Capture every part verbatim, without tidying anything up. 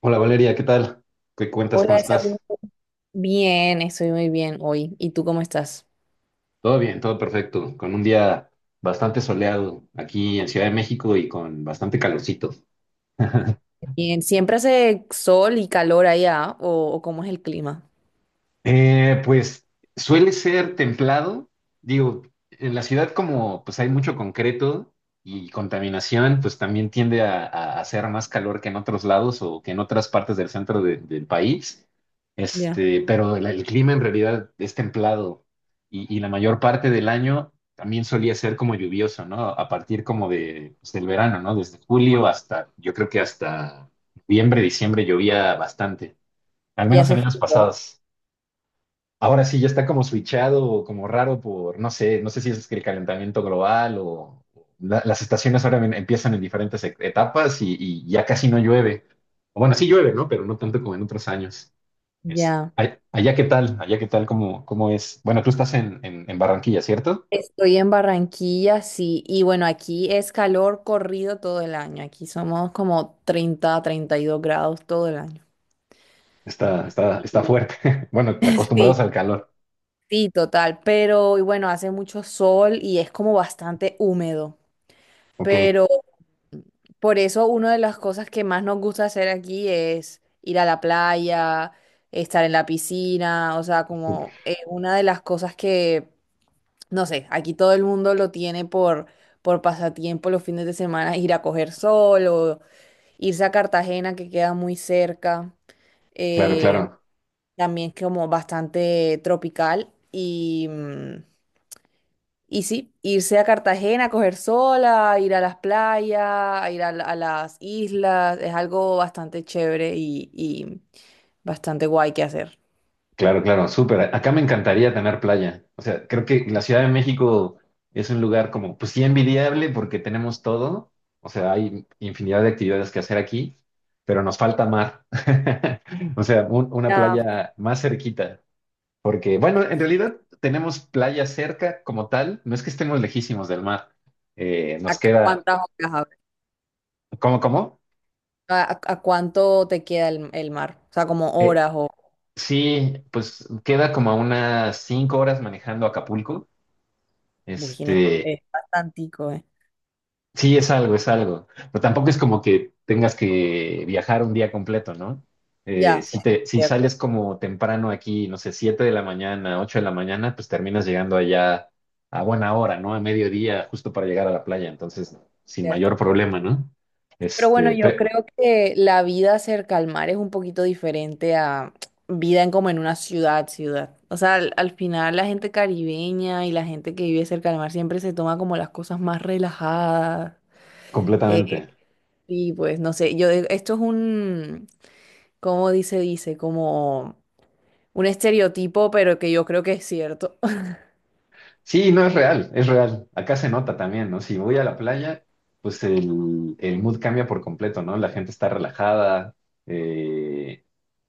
Hola Valeria, ¿qué tal? ¿Qué cuentas? ¿Cómo Hola, Isabel. estás? Bien, estoy muy bien hoy. ¿Y tú cómo estás? Todo bien, todo perfecto. Con un día bastante soleado aquí en Ciudad de México y con bastante calorcito. Bien, ¿siempre hace sol y calor allá o, o cómo es el clima? Eh, pues suele ser templado. Digo, en la ciudad, como pues hay mucho concreto y contaminación, pues también tiende a, a hacer más calor que en otros lados o que en otras partes del centro de- del país. Ya. Este, pero el, el clima en realidad es templado, y, y la mayor parte del año también solía ser como lluvioso, ¿no? A partir como de, pues, del verano, ¿no? Desde julio hasta, yo creo que hasta noviembre, diciembre llovía bastante, al Ya menos hace en años frío. pasados. Ahora sí, ya está como switchado, como raro por, no sé, no sé si es que el calentamiento global o la- las estaciones ahora en- empiezan en diferentes e- etapas, y, y ya casi no llueve. O bueno, sí llueve, ¿no? Pero no tanto como en otros años. Es- Ya. ay- allá qué tal, allá qué tal, cómo, cómo es. Bueno, tú estás en, en- en Barranquilla, ¿cierto? Estoy en Barranquilla, sí. Y bueno, aquí es calor corrido todo el año. Aquí somos como treinta, treinta y dos grados todo el año. Está, está, está Y, fuerte. Bueno, que acostumbrados al calor. sí, sí, total. Pero y bueno, hace mucho sol y es como bastante húmedo. Ok, Pero por eso una de las cosas que más nos gusta hacer aquí es ir a la playa, estar en la piscina, o sea, como es una de las cosas que, no sé, aquí todo el mundo lo tiene por, por pasatiempo los fines de semana, ir a coger sol o irse a Cartagena que queda muy cerca, claro, eh, claro. también es como bastante tropical y... mm, y sí, irse a Cartagena, a coger sola, ir a las playas, a ir a, la- a las islas, es algo bastante chévere y, y bastante guay que hacer. Claro, claro, súper. Acá me encantaría tener playa. O sea, creo que la Ciudad de México es un lugar como, pues sí, envidiable porque tenemos todo. O sea, hay infinidad de actividades que hacer aquí, pero nos falta mar. O sea, un- una Ah, playa más cerquita. Porque, bueno, en realidad tenemos playa cerca como tal. No es que estemos lejísimos del mar. Eh, ¿a Nos cu- queda. cuántas horas hablas? ¿Cómo, cómo? ¿A, a- a cuánto te queda el, el mar? O sea, como Eh, horas o... sí, pues queda como a unas cinco horas manejando a Acapulco. Uy, no, Este. es bastantico, ¿eh? Sí, es algo, es algo. Pero tampoco es como que tengas que viajar un día completo, ¿no? Eh, Ya, si es te, si sales como temprano aquí, no sé, siete de la mañana, ocho de la mañana, pues terminas llegando allá a buena hora, ¿no? A mediodía, justo para llegar a la playa. Entonces, sin cierto. mayor problema, ¿no? Pero bueno, Este, yo pe- creo que la vida cerca al mar es un poquito diferente a vida en como en una ciudad, ciudad. O sea, al, al final la gente caribeña y la gente que vive cerca al mar siempre se toma como las cosas más relajadas. Eh, Completamente. y pues no sé, yo eh, esto es un, ¿cómo dice? Dice, como un estereotipo, pero que yo creo que es cierto. Sí, no es real, es real. Acá se nota también, ¿no? Si voy a la playa, pues el, el mood cambia por completo, ¿no? La gente está relajada. eh,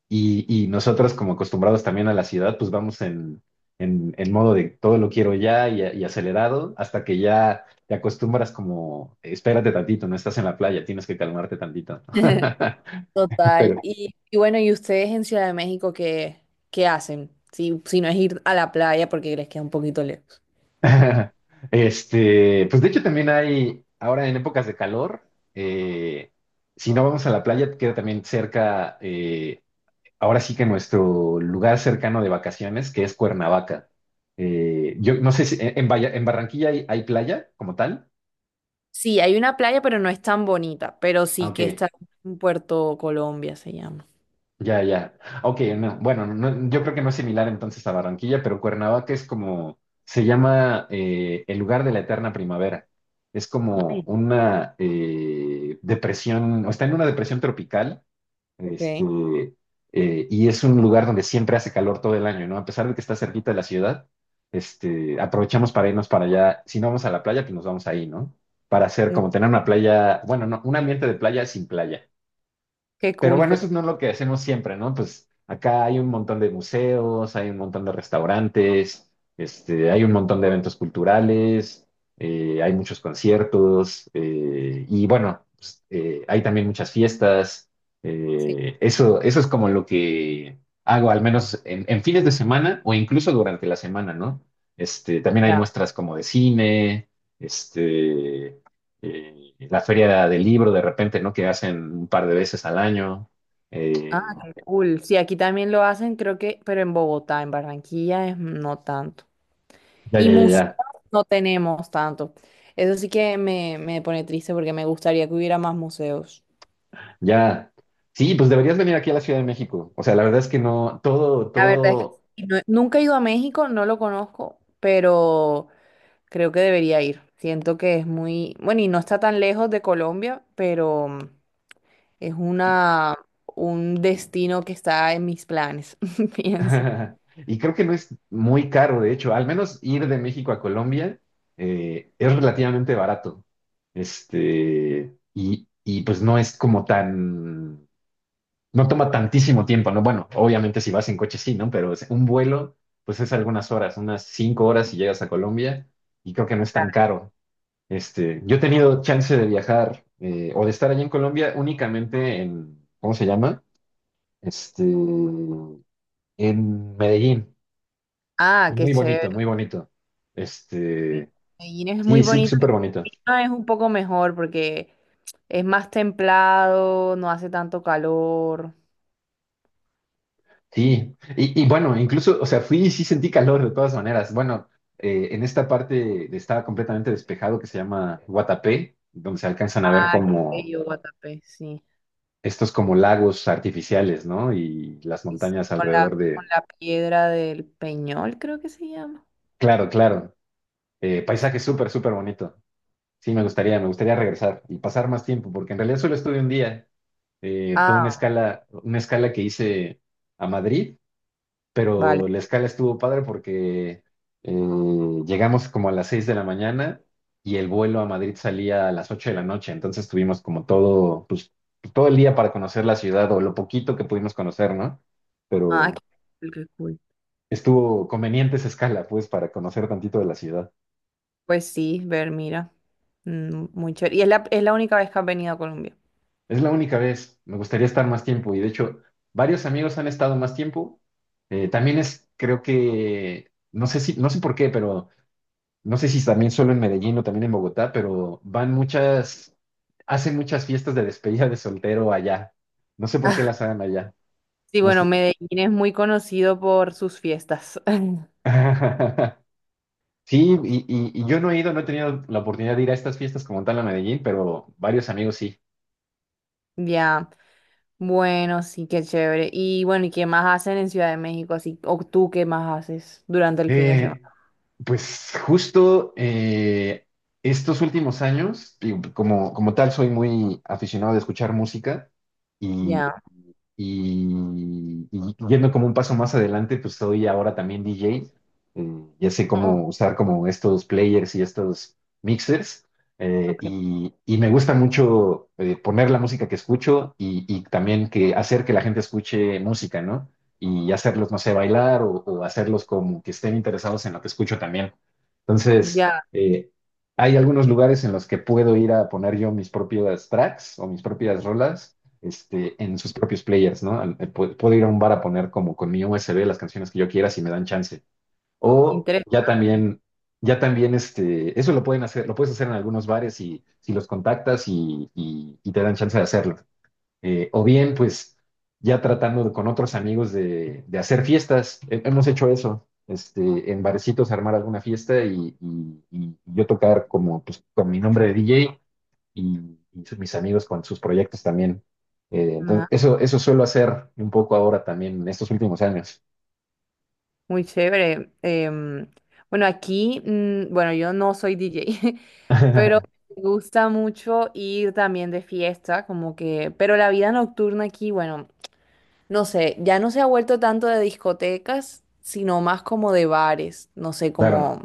Y, y nosotros, como acostumbrados también a la ciudad, pues vamos en, en, en modo de todo lo quiero ya, y, y acelerado, hasta que ya te acostumbras como, espérate tantito, no estás en la playa, tienes que calmarte tantito. Total. Pero, Y, y bueno, ¿y ustedes en Ciudad de México qué, qué hacen? Si, si no es ir a la playa porque les queda un poquito lejos. este, pues de hecho también hay, ahora en épocas de calor, eh, si no vamos a la playa, queda también cerca, eh, ahora sí que nuestro lugar cercano de vacaciones, que es Cuernavaca. Eh, yo no sé si en, en Valla- en Barranquilla hay, hay playa como tal. Sí, hay una playa, pero no es tan bonita, pero sí que Aunque está en Puerto Colombia, se llama. ya, ya. Ok, no, bueno, no- yo creo que no es similar entonces a Barranquilla, pero Cuernavaca es como, se llama, eh, el lugar de la eterna primavera. Es como Ay, una, eh, depresión, o está en una depresión tropical. Este, ok. eh, y es un lugar donde siempre hace calor todo el año, ¿no? A pesar de que está cerquita de la ciudad, este, aprovechamos para irnos para allá. Si no vamos a la playa, pues nos vamos ahí, ¿no? Para hacer Muy- como tener una playa, bueno, no, un ambiente de playa sin playa. Qué Pero cool, bueno, qué eso cool. no es no lo que hacemos siempre, ¿no? Pues acá hay un montón de museos, hay un montón de restaurantes, este, hay un montón de eventos culturales, eh, hay muchos conciertos, eh, y bueno, pues, eh, hay también muchas fiestas. Sí, Eh, eso, eso es como lo que hago, al menos en, en fines de semana o incluso durante la semana, ¿no? Este, también hay ya. muestras como de cine, este, eh, la feria del libro de repente, ¿no? Que hacen un par de veces al año. Ah, Eh, qué cool. Sí, aquí también lo hacen, creo que, pero en Bogotá, en Barranquilla es no tanto. ya, ya, Y ya, museos ya. no tenemos tanto. Eso sí que me, me pone triste porque me gustaría que hubiera más museos. Ya. Sí, pues deberías venir aquí a la Ciudad de México. O sea, la verdad es que no, todo, La verdad es que todo. sí, no- nunca he ido a México, no lo conozco, pero creo que debería ir. Siento que es muy, bueno, y no está tan lejos de Colombia, pero mm, es Y, una, un destino que está en mis planes, pienso. y creo que no es muy caro, de hecho. Al menos ir de México a Colombia eh, es relativamente barato. Este, y, y pues no es como tan. No toma tantísimo tiempo, ¿no? Bueno, obviamente si vas en coche sí, ¿no? Pero es- un vuelo, pues es algunas horas, unas cinco horas, y llegas a Colombia y creo que no es tan caro. Este, yo he tenido chance de viajar, eh, o de estar allí en Colombia únicamente en, ¿cómo se llama? Este, en Medellín. Ah, Y qué muy bonito, chévere. muy bonito. Sí. Este, Medellín es muy sí, sí, bonito. súper bonito. Lima es un poco mejor porque es más templado, no hace tanto calor. Sí, y, y bueno, incluso, o sea, fui y sí sentí calor de todas maneras. Bueno, eh, en esta parte estaba completamente despejado, que se llama Guatapé, donde se alcanzan a ver Ah, qué como bello, Guatapé, sí. estos como lagos artificiales, ¿no? Y las Y sí, montañas con la, alrededor con de. la piedra del Peñol, creo que se llama. Claro, claro. Eh, paisaje súper, súper bonito. Sí, me gustaría, me gustaría regresar y pasar más tiempo, porque en realidad solo estuve un día. Eh, fue una Ah, escala, una escala que hice a Madrid, vale. pero la escala estuvo padre porque, eh, llegamos como a las seis de la mañana y el vuelo a Madrid salía a las ocho de la noche. Entonces tuvimos como todo, pues, todo el día para conocer la ciudad o lo poquito que pudimos conocer, ¿no? Ah, qué Pero cool. Qué cool. estuvo conveniente esa escala, pues, para conocer tantito de la ciudad. Pues sí, ver, mira. Mm, muy chévere. Y es la, es la única vez que has venido a Colombia. Es la única vez. Me gustaría estar más tiempo y de hecho varios amigos han estado más tiempo. Eh, también es, creo que, no sé si, no sé por qué, pero no sé si también solo en Medellín o también en Bogotá, pero van muchas, hacen muchas fiestas de despedida de soltero allá. No sé por qué las hagan allá. Sí, No bueno, sé. Medellín es muy conocido por sus fiestas. Sí, y, y- y yo no he ido, no he tenido la oportunidad de ir a estas fiestas como tal a Medellín, pero varios amigos sí. Ya, bueno, sí, qué chévere. Y bueno, ¿y qué más hacen en Ciudad de México? Así, o tú qué más haces durante el fin de semana. Eh, pues justo, eh, estos últimos años, digo, como, como tal, soy muy aficionado de escuchar música. Ya, Y, y yendo como un paso más adelante, pues soy ahora también D J. Eh, ya sé oh, cómo usar como estos players y estos mixers. eh, ok. y, y me gusta mucho, eh, poner la música que escucho y, y también que hacer que la gente escuche música, ¿no? Y hacerlos, no sé, bailar o, o hacerlos como que estén interesados en lo que escucho también. Entonces, Ya, eh, hay algunos lugares en los que puedo ir a poner yo mis propias tracks o mis propias rolas, este, en sus propios players, ¿no? Al- eh, Puedo ir a un bar a poner como con mi U S B las canciones que yo quiera si me dan chance. O interesante. ya también, ya también, este, eso lo pueden hacer, lo puedes hacer en algunos bares, y si los contactas y, y- y te dan chance de hacerlo. Eh, o bien, pues, ya tratando de- con otros amigos de, de hacer fiestas. He- Hemos hecho eso. Este, en barecitos armar alguna fiesta, y, y- y yo tocar como pues, con mi nombre de D J, y, y su- mis amigos con sus proyectos también. Eh, entonces, eso, eso suelo hacer un poco ahora también en estos últimos años. Muy chévere. Em, bueno, aquí, mm, bueno, yo no soy D J, pero me gusta mucho ir también de fiesta, como que, pero la vida nocturna aquí, bueno, no sé, ya no se ha vuelto tanto de discotecas, sino más como de bares, no sé, Claro, como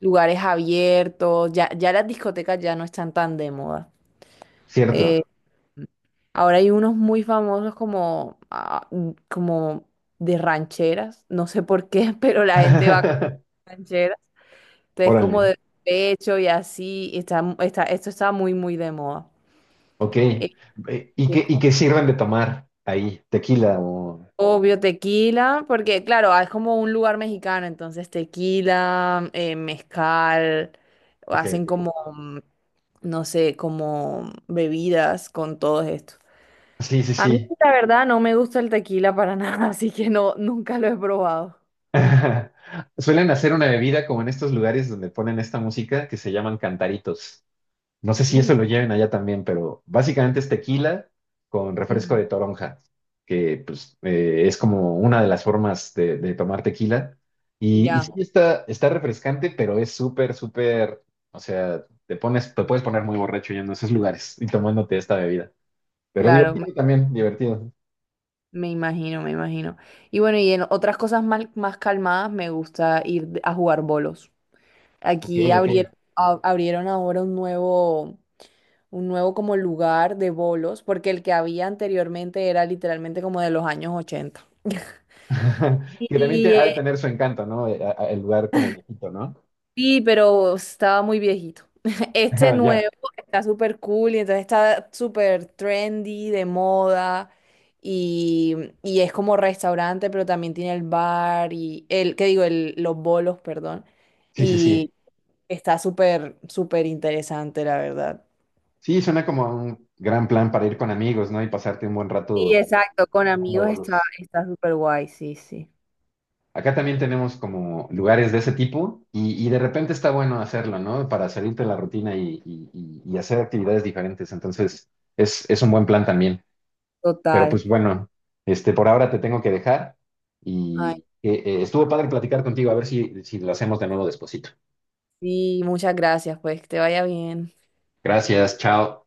lugares abiertos, ya, ya las discotecas ya no están tan de moda. Eh, cierto. ahora hay unos muy famosos como, ah, como de rancheras, no sé por qué, pero la gente va... rancheras. Entonces, Órale, como de pecho y así, y está, está- esto está muy, muy de moda. ok. Eh, Eh, ¿Y qué, y qué sirven de tomar ahí? ¿Tequila o? Obvio, tequila, porque claro, ah, es como un lugar mexicano, entonces tequila, eh, mezcal, Ok, hacen ok. como, mm, no sé, como bebidas con todo esto. Sí, sí, A mí, sí. la verdad, no me gusta el tequila para nada, así que no, nunca lo he probado. Suelen hacer una bebida como en estos lugares donde ponen esta música que se llaman cantaritos. No sé si Mm, eso lo lleven allá también, pero básicamente es tequila con refresco de ujú, toronja, que pues, eh, es como una de las formas de, de tomar tequila. Y, y ya, sí está, está refrescante, pero es súper, súper, o sea, te pones, te puedes poner muy borracho yendo a esos lugares y tomándote esta bebida. Pero claro. divertido también, divertido. Me imagino, me imagino. Y bueno, y en otras cosas más más calmadas me gusta ir de- a jugar bolos. Ok, Aquí ok. abrieron, a- abrieron ahora un nuevo, un nuevo como lugar de bolos, porque el que había anteriormente era literalmente como de los años ochenta. Que también te- ha Y de tener su encanto, ¿no? Eh, a- a- El lugar como viejito, ¿no? sí, pero estaba muy viejito. Este Ya, nuevo está súper cool y entonces está súper trendy, de moda y, y es como restaurante, pero también tiene el bar y el, ¿qué digo? El, los bolos, perdón. sí, sí, sí. Y está súper, súper interesante, la verdad. Sí, suena como un gran plan para ir con amigos, ¿no? Y pasarte un buen Sí, rato exacto, con jugando amigos está, bolos. está súper guay, sí, sí. Acá también tenemos como lugares de ese tipo, y, y de repente está bueno hacerlo, ¿no? Para salirte de la rutina y, y- y- y hacer actividades diferentes. Entonces, es, es un buen plan también. Pero Total. pues bueno, este, por ahora te tengo que dejar Ay, y, eh, eh, estuvo padre platicar contigo, a ver si, si, lo hacemos de nuevo despuesito. sí, muchas gracias, pues, que te vaya bien. Gracias, chao.